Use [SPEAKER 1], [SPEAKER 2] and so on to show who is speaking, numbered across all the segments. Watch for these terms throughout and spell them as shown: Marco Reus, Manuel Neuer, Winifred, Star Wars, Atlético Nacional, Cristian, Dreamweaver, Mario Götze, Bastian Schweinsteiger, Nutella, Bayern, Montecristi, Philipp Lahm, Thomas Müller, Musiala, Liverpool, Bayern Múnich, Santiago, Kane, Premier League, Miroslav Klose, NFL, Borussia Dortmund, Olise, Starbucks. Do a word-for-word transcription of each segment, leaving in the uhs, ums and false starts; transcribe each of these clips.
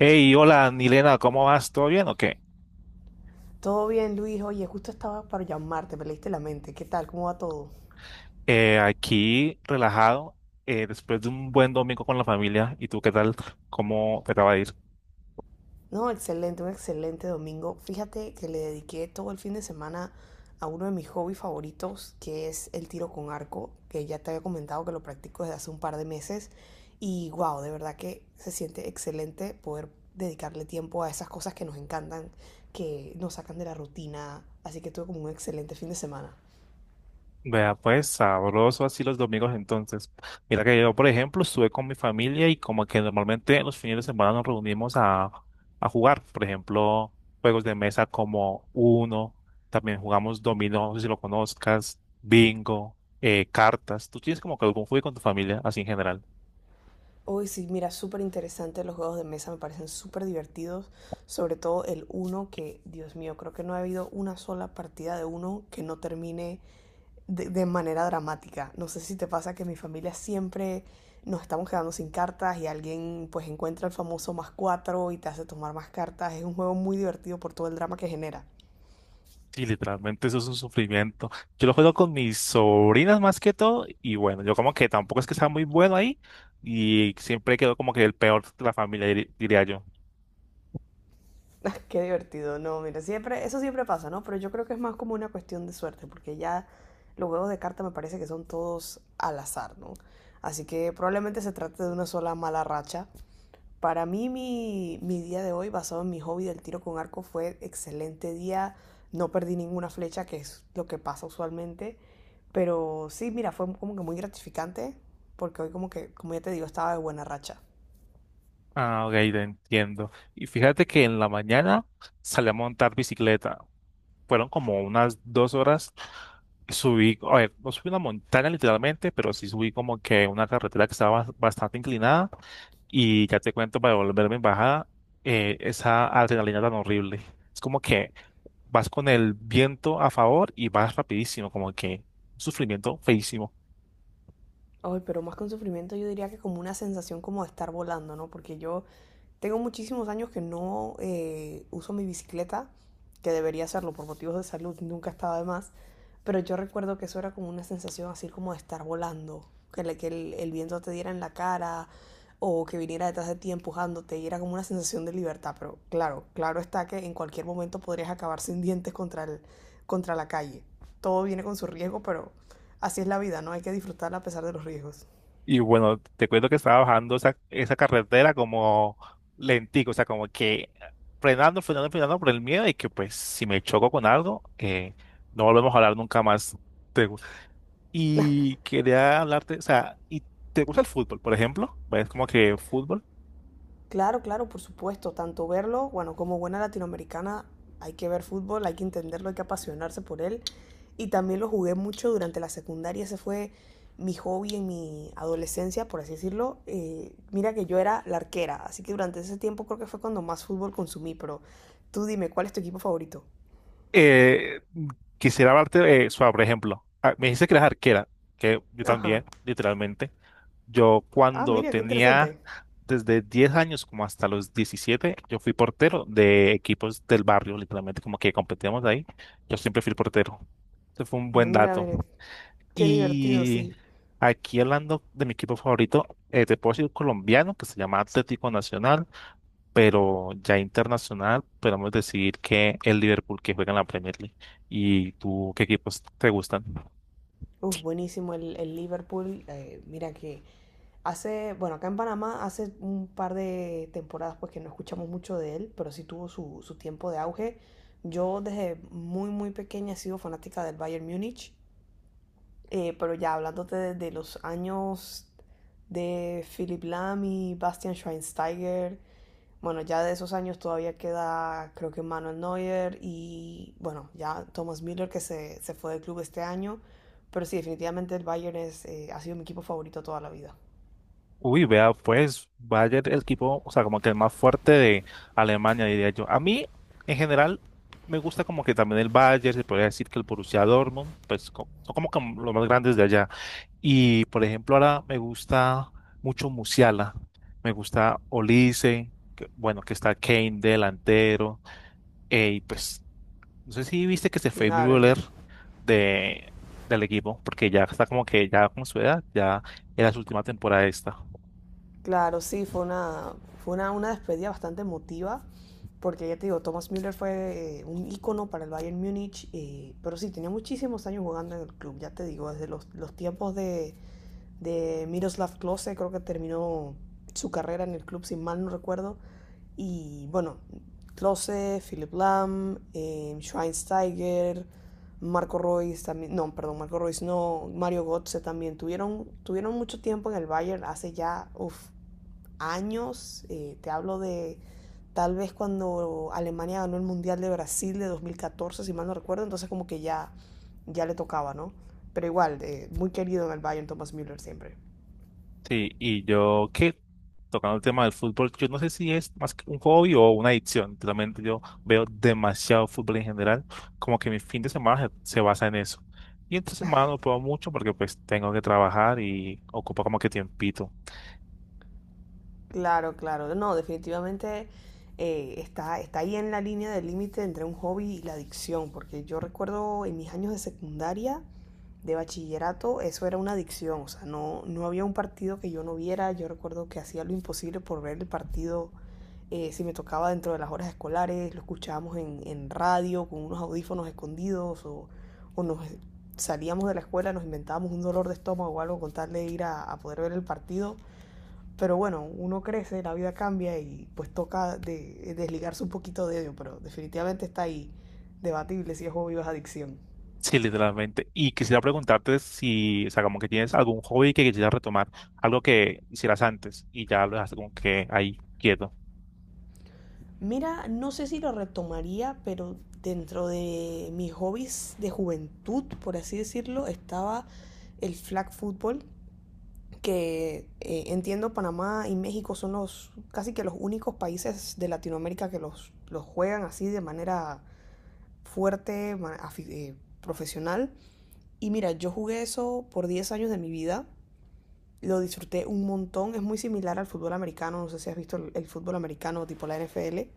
[SPEAKER 1] Hey, hola, Nilena, ¿cómo vas? ¿Todo bien o qué?
[SPEAKER 2] Todo bien, Luis. Oye, justo estaba para llamarte, me leíste la mente. ¿Qué tal? ¿Cómo va todo?
[SPEAKER 1] Eh, aquí relajado, eh, después de un buen domingo con la familia. ¿Y tú qué tal? ¿Cómo te acaba de ir?
[SPEAKER 2] No, excelente, un excelente domingo. Fíjate que le dediqué todo el fin de semana a uno de mis hobbies favoritos, que es el tiro con arco, que ya te había comentado que lo practico desde hace un par de meses. Y wow, de verdad que se siente excelente poder dedicarle tiempo a esas cosas que nos encantan, que nos sacan de la rutina. Así que tuve como un excelente fin de semana.
[SPEAKER 1] Vea, pues sabroso así los domingos entonces. Mira que yo, por ejemplo, estuve con mi familia y como que normalmente los fines de semana nos reunimos a, a jugar, por ejemplo, juegos de mesa como Uno, también jugamos dominó, no sé si lo conozcas, bingo, eh, cartas. ¿Tú tienes como que algún juego con tu familia así en general?
[SPEAKER 2] Uy, sí, mira, súper interesante. Los juegos de mesa me parecen súper divertidos. Sobre todo el uno, que, Dios mío, creo que no ha habido una sola partida de uno que no termine de, de manera dramática. No sé si te pasa que en mi familia siempre nos estamos quedando sin cartas y alguien pues encuentra el famoso más cuatro y te hace tomar más cartas. Es un juego muy divertido por todo el drama que genera.
[SPEAKER 1] Sí, literalmente eso es un sufrimiento. Yo lo juego con mis sobrinas más que todo y bueno, yo como que tampoco es que sea muy bueno ahí y siempre quedo como que el peor de la familia, diri- diría yo.
[SPEAKER 2] Qué divertido, no, mira, siempre, eso siempre pasa, ¿no? Pero yo creo que es más como una cuestión de suerte, porque ya los juegos de carta me parece que son todos al azar, ¿no? Así que probablemente se trate de una sola mala racha. Para mí, mi, mi día de hoy, basado en mi hobby del tiro con arco, fue excelente día. No perdí ninguna flecha, que es lo que pasa usualmente. Pero sí, mira, fue como que muy gratificante, porque hoy como que, como ya te digo, estaba de buena racha.
[SPEAKER 1] Ah, ok, te entiendo. Y fíjate que en la mañana salí a montar bicicleta. Fueron como unas dos horas. Subí, a ver, no subí una montaña literalmente, pero sí subí como que una carretera que estaba bas- bastante inclinada y ya te cuento para volverme en bajada, eh, esa adrenalina tan horrible. Es como que vas con el viento a favor y vas rapidísimo, como que un sufrimiento feísimo.
[SPEAKER 2] Ay, pero más que un sufrimiento, yo diría que como una sensación como de estar volando, ¿no? Porque yo tengo muchísimos años que no eh, uso mi bicicleta, que debería hacerlo por motivos de salud, nunca estaba de más. Pero yo recuerdo que eso era como una sensación así como de estar volando, que, le- que el, el viento te diera en la cara o que viniera detrás de ti empujándote y era como una sensación de libertad. Pero claro, claro está que en cualquier momento podrías acabar sin dientes contra, el, contra la calle. Todo viene con su riesgo, pero así es la vida, ¿no? Hay que disfrutarla a pesar de los riesgos.
[SPEAKER 1] Y bueno, te cuento que estaba bajando esa, esa carretera como lentico, o sea, como que frenando, frenando, frenando por el miedo de que pues si me choco con algo, eh, no volvemos a hablar nunca más. Y quería hablarte, o sea, ¿y te gusta el fútbol, por ejemplo? ¿Ves como que fútbol?
[SPEAKER 2] Claro, claro, por supuesto. Tanto verlo, bueno, como buena latinoamericana, hay que ver fútbol, hay que entenderlo, hay que apasionarse por él. Y también lo jugué mucho durante la secundaria. Ese fue mi hobby en mi adolescencia, por así decirlo. Eh, mira que yo era la arquera, así que durante ese tiempo creo que fue cuando más fútbol consumí. Pero tú dime, ¿cuál es tu equipo favorito?
[SPEAKER 1] Eh, Quisiera hablarte, eh, sobre, por ejemplo, ah, me dice que eres arquera, que yo
[SPEAKER 2] Ajá.
[SPEAKER 1] también, literalmente. Yo
[SPEAKER 2] Ah,
[SPEAKER 1] cuando
[SPEAKER 2] mira, qué
[SPEAKER 1] tenía
[SPEAKER 2] interesante.
[SPEAKER 1] desde diez años como hasta los diecisiete, yo fui portero de equipos del barrio, literalmente, como que competíamos ahí. Yo siempre fui el portero. Ese fue un buen
[SPEAKER 2] Mira,
[SPEAKER 1] dato.
[SPEAKER 2] mira, qué divertido,
[SPEAKER 1] Y
[SPEAKER 2] sí.
[SPEAKER 1] aquí hablando de mi equipo favorito, eh, te puedo decir colombiano, que se llama Atlético Nacional. Pero ya internacional podemos decir que el Liverpool, que juega en la Premier League. ¿Y tú qué equipos te gustan?
[SPEAKER 2] Uf, buenísimo el, el Liverpool. Eh, mira que hace, bueno, acá en Panamá hace un par de temporadas pues que no escuchamos mucho de él, pero sí tuvo su, su tiempo de auge. Yo desde muy, muy pequeña he sido fanática del Bayern Múnich, eh, pero ya hablándote de, de los años de Philipp Lahm y Bastian Schweinsteiger, bueno, ya de esos años todavía queda, creo que Manuel Neuer y, bueno, ya Thomas Müller que se, se fue del club este año. Pero sí, definitivamente el Bayern es, eh, ha sido mi equipo favorito toda la vida.
[SPEAKER 1] Uy, vea, pues Bayern, el equipo, o sea, como que el más fuerte de Alemania, diría yo. A mí, en general, me gusta como que también el Bayern, se podría decir que el Borussia Dortmund, pues co- son como que los más grandes de allá. Y, por ejemplo, ahora me gusta mucho Musiala, me gusta Olise, que- bueno, que está Kane delantero, eh, y pues no sé si viste que se fue mi
[SPEAKER 2] Claro, claro.
[SPEAKER 1] voler de, del equipo, porque ya está como que ya con su edad, ya era su última temporada esta.
[SPEAKER 2] Claro, sí, fue una, fue una, una despedida bastante emotiva, porque ya te digo, Thomas Müller fue eh, un ícono para el Bayern Múnich, eh, pero sí, tenía muchísimos años jugando en el club, ya te digo, desde los, los tiempos de, de Miroslav Klose, creo que terminó su carrera en el club, si mal no recuerdo. Y bueno, Klose, Philip Lahm, eh, Schweinsteiger, Marco Reus también, no, perdón, Marco Reus no, Mario Götze también, tuvieron, tuvieron mucho tiempo en el Bayern, hace ya uf, años, eh, te hablo de tal vez cuando Alemania ganó el Mundial de Brasil de dos mil catorce si mal no recuerdo, entonces como que ya, ya le tocaba, ¿no? Pero igual, eh, muy querido en el Bayern Thomas Müller siempre.
[SPEAKER 1] Sí, y yo que tocando el tema del fútbol, yo no sé si es más que un hobby o una adicción. Realmente yo veo demasiado fútbol en general, como que mi fin de semana se, se basa en eso. Y entre semana no puedo mucho porque pues tengo que trabajar y ocupa como que tiempito.
[SPEAKER 2] Claro, claro. No, definitivamente eh, está, está ahí en la línea del límite entre un hobby y la adicción, porque yo recuerdo en mis años de secundaria, de bachillerato, eso era una adicción, o sea, no, no había un partido que yo no viera, yo recuerdo que hacía lo imposible por ver el partido, eh, si me tocaba dentro de las horas escolares, lo escuchábamos en, en radio con unos audífonos escondidos o, o nos salíamos de la escuela, nos inventábamos un dolor de estómago o algo con tal de ir a, a poder ver el partido. Pero bueno, uno crece, la vida cambia y pues toca de, desligarse un poquito de ello, pero definitivamente está ahí, debatible si es hobby o es adicción.
[SPEAKER 1] Sí, literalmente. Y quisiera preguntarte si, o sea, como que tienes algún hobby que quisieras retomar, algo que hicieras antes y ya lo dejaste como que ahí quieto.
[SPEAKER 2] Mira, no sé si lo retomaría, pero dentro de mis hobbies de juventud, por así decirlo, estaba el flag football, que eh, entiendo Panamá y México son los casi que los únicos países de Latinoamérica que los, los juegan así de manera fuerte, eh, profesional. Y mira, yo jugué eso por diez años de mi vida. Lo disfruté un montón. Es muy similar al fútbol americano. No sé si has visto el, el fútbol americano tipo la N F L.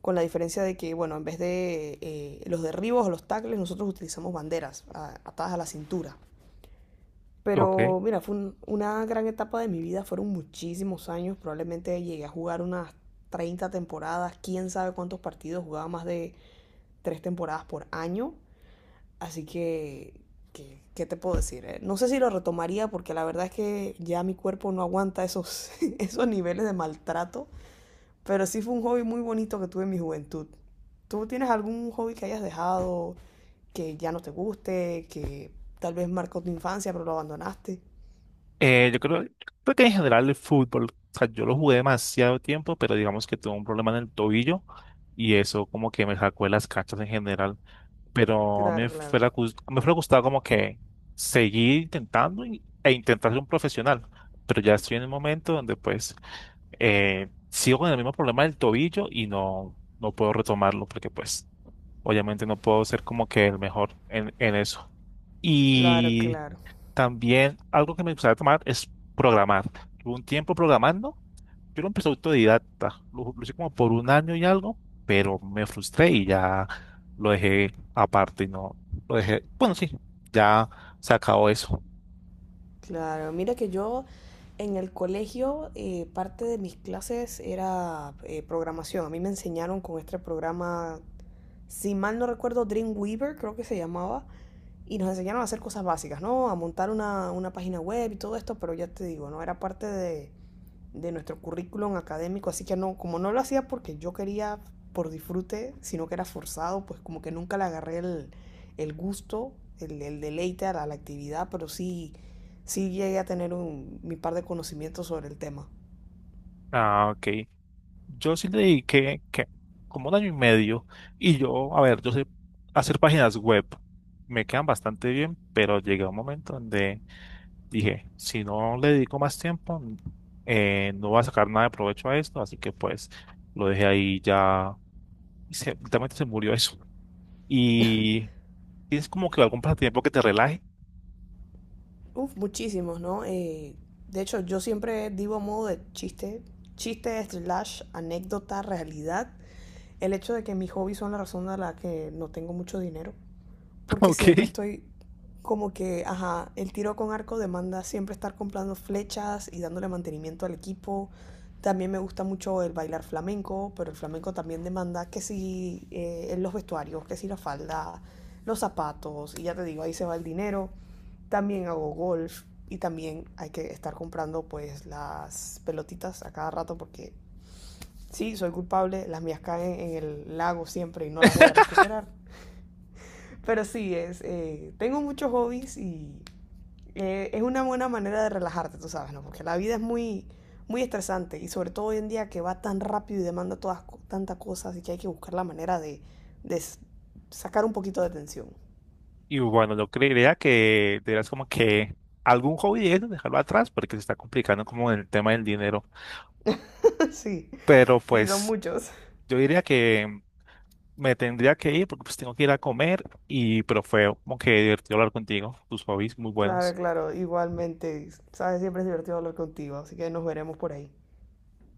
[SPEAKER 2] Con la diferencia de que, bueno, en vez de eh, los derribos o los tackles, nosotros utilizamos banderas a, atadas a la cintura.
[SPEAKER 1] Ok.
[SPEAKER 2] Pero mira, fue un, una gran etapa de mi vida, fueron muchísimos años, probablemente llegué a jugar unas treinta temporadas, quién sabe cuántos partidos, jugaba más de tres temporadas por año. Así que, que- ¿qué te puedo decir? eh? No sé si lo retomaría porque la verdad es que ya mi cuerpo no aguanta esos, esos niveles de maltrato, pero sí fue un hobby muy bonito que tuve en mi juventud. ¿Tú tienes algún hobby que hayas dejado, que ya no te guste, que tal vez marcó tu infancia pero lo abandonaste?
[SPEAKER 1] Eh, yo creo, yo creo que en general el fútbol, o sea, yo lo jugué demasiado tiempo, pero digamos que tuve un problema en el tobillo y eso como que me sacó de las canchas en general. Pero a mí
[SPEAKER 2] Claro,
[SPEAKER 1] me
[SPEAKER 2] claro,
[SPEAKER 1] fuera, gus- me fuera gustado como que seguir intentando y- e intentar ser un profesional, pero ya estoy en el momento donde pues eh, sigo con el mismo problema del tobillo y no, no puedo retomarlo porque pues obviamente no puedo ser como que el mejor en, en eso.
[SPEAKER 2] claro,
[SPEAKER 1] Y
[SPEAKER 2] claro,
[SPEAKER 1] también algo que me gustaría tomar es programar. Tuve un tiempo programando, yo lo empecé autodidacta, lo, lo hice como por un año y algo, pero me frustré y ya lo dejé aparte y no lo dejé. Bueno, sí, ya se acabó eso.
[SPEAKER 2] claro. Mira que yo en el colegio, eh, parte de mis clases era, eh, programación. A mí me enseñaron con este programa, si mal no recuerdo, Dreamweaver, creo que se llamaba, y nos enseñaron a hacer cosas básicas, ¿no? A montar una, una página web y todo esto, pero ya te digo, no era parte de, de nuestro currículum académico, así que no, como no lo hacía porque yo quería por disfrute, sino que era forzado, pues como que nunca le agarré el, el gusto, el, el deleite a la, a la actividad, pero sí, sí llegué a tener un, mi par de conocimientos sobre el tema.
[SPEAKER 1] Ah, ok. Yo sí le dediqué que como un año y medio y yo, a ver, yo sé hacer páginas web. Me quedan bastante bien, pero llegué a un momento donde dije, si no le dedico más tiempo, n- eh, no voy a sacar nada de provecho a esto, así que pues lo dejé ahí ya y se, literalmente se murió eso. Y tienes como que algún pasatiempo que te relaje,
[SPEAKER 2] Uf, muchísimos, ¿no? Eh, de hecho, yo siempre digo a modo de chiste, chiste slash anécdota, realidad, el hecho de que mis hobbies son la razón de la que no tengo mucho dinero porque siempre
[SPEAKER 1] ¿ok?
[SPEAKER 2] estoy como que, ajá, el tiro con arco demanda siempre estar comprando flechas y dándole mantenimiento al equipo. También me gusta mucho el bailar flamenco, pero el flamenco también demanda que si, eh, en los vestuarios, que si la falda, los zapatos, y ya te digo, ahí se va el dinero. También hago golf y también hay que estar comprando pues las pelotitas a cada rato porque sí, soy culpable, las mías caen en el lago siempre y no las voy a recuperar. Pero sí, es, eh, tengo muchos hobbies y eh, es una buena manera de relajarte, tú sabes, ¿no? Porque la vida es muy, muy estresante y sobre todo hoy en día que va tan rápido y demanda todas, tantas cosas y que hay que buscar la manera de, de sacar un poquito de tensión.
[SPEAKER 1] Y bueno, yo creería que deberás como que algún hobby de eso, dejarlo atrás porque se está complicando como el tema del dinero.
[SPEAKER 2] Sí,
[SPEAKER 1] Pero
[SPEAKER 2] sí, son
[SPEAKER 1] pues
[SPEAKER 2] muchos.
[SPEAKER 1] yo diría que me tendría que ir porque pues tengo que ir a comer y pero fue como que divertido hablar contigo, tus hobbies muy
[SPEAKER 2] Claro,
[SPEAKER 1] buenos.
[SPEAKER 2] claro, igualmente, sabes, siempre es divertido hablar contigo, así que nos veremos por ahí.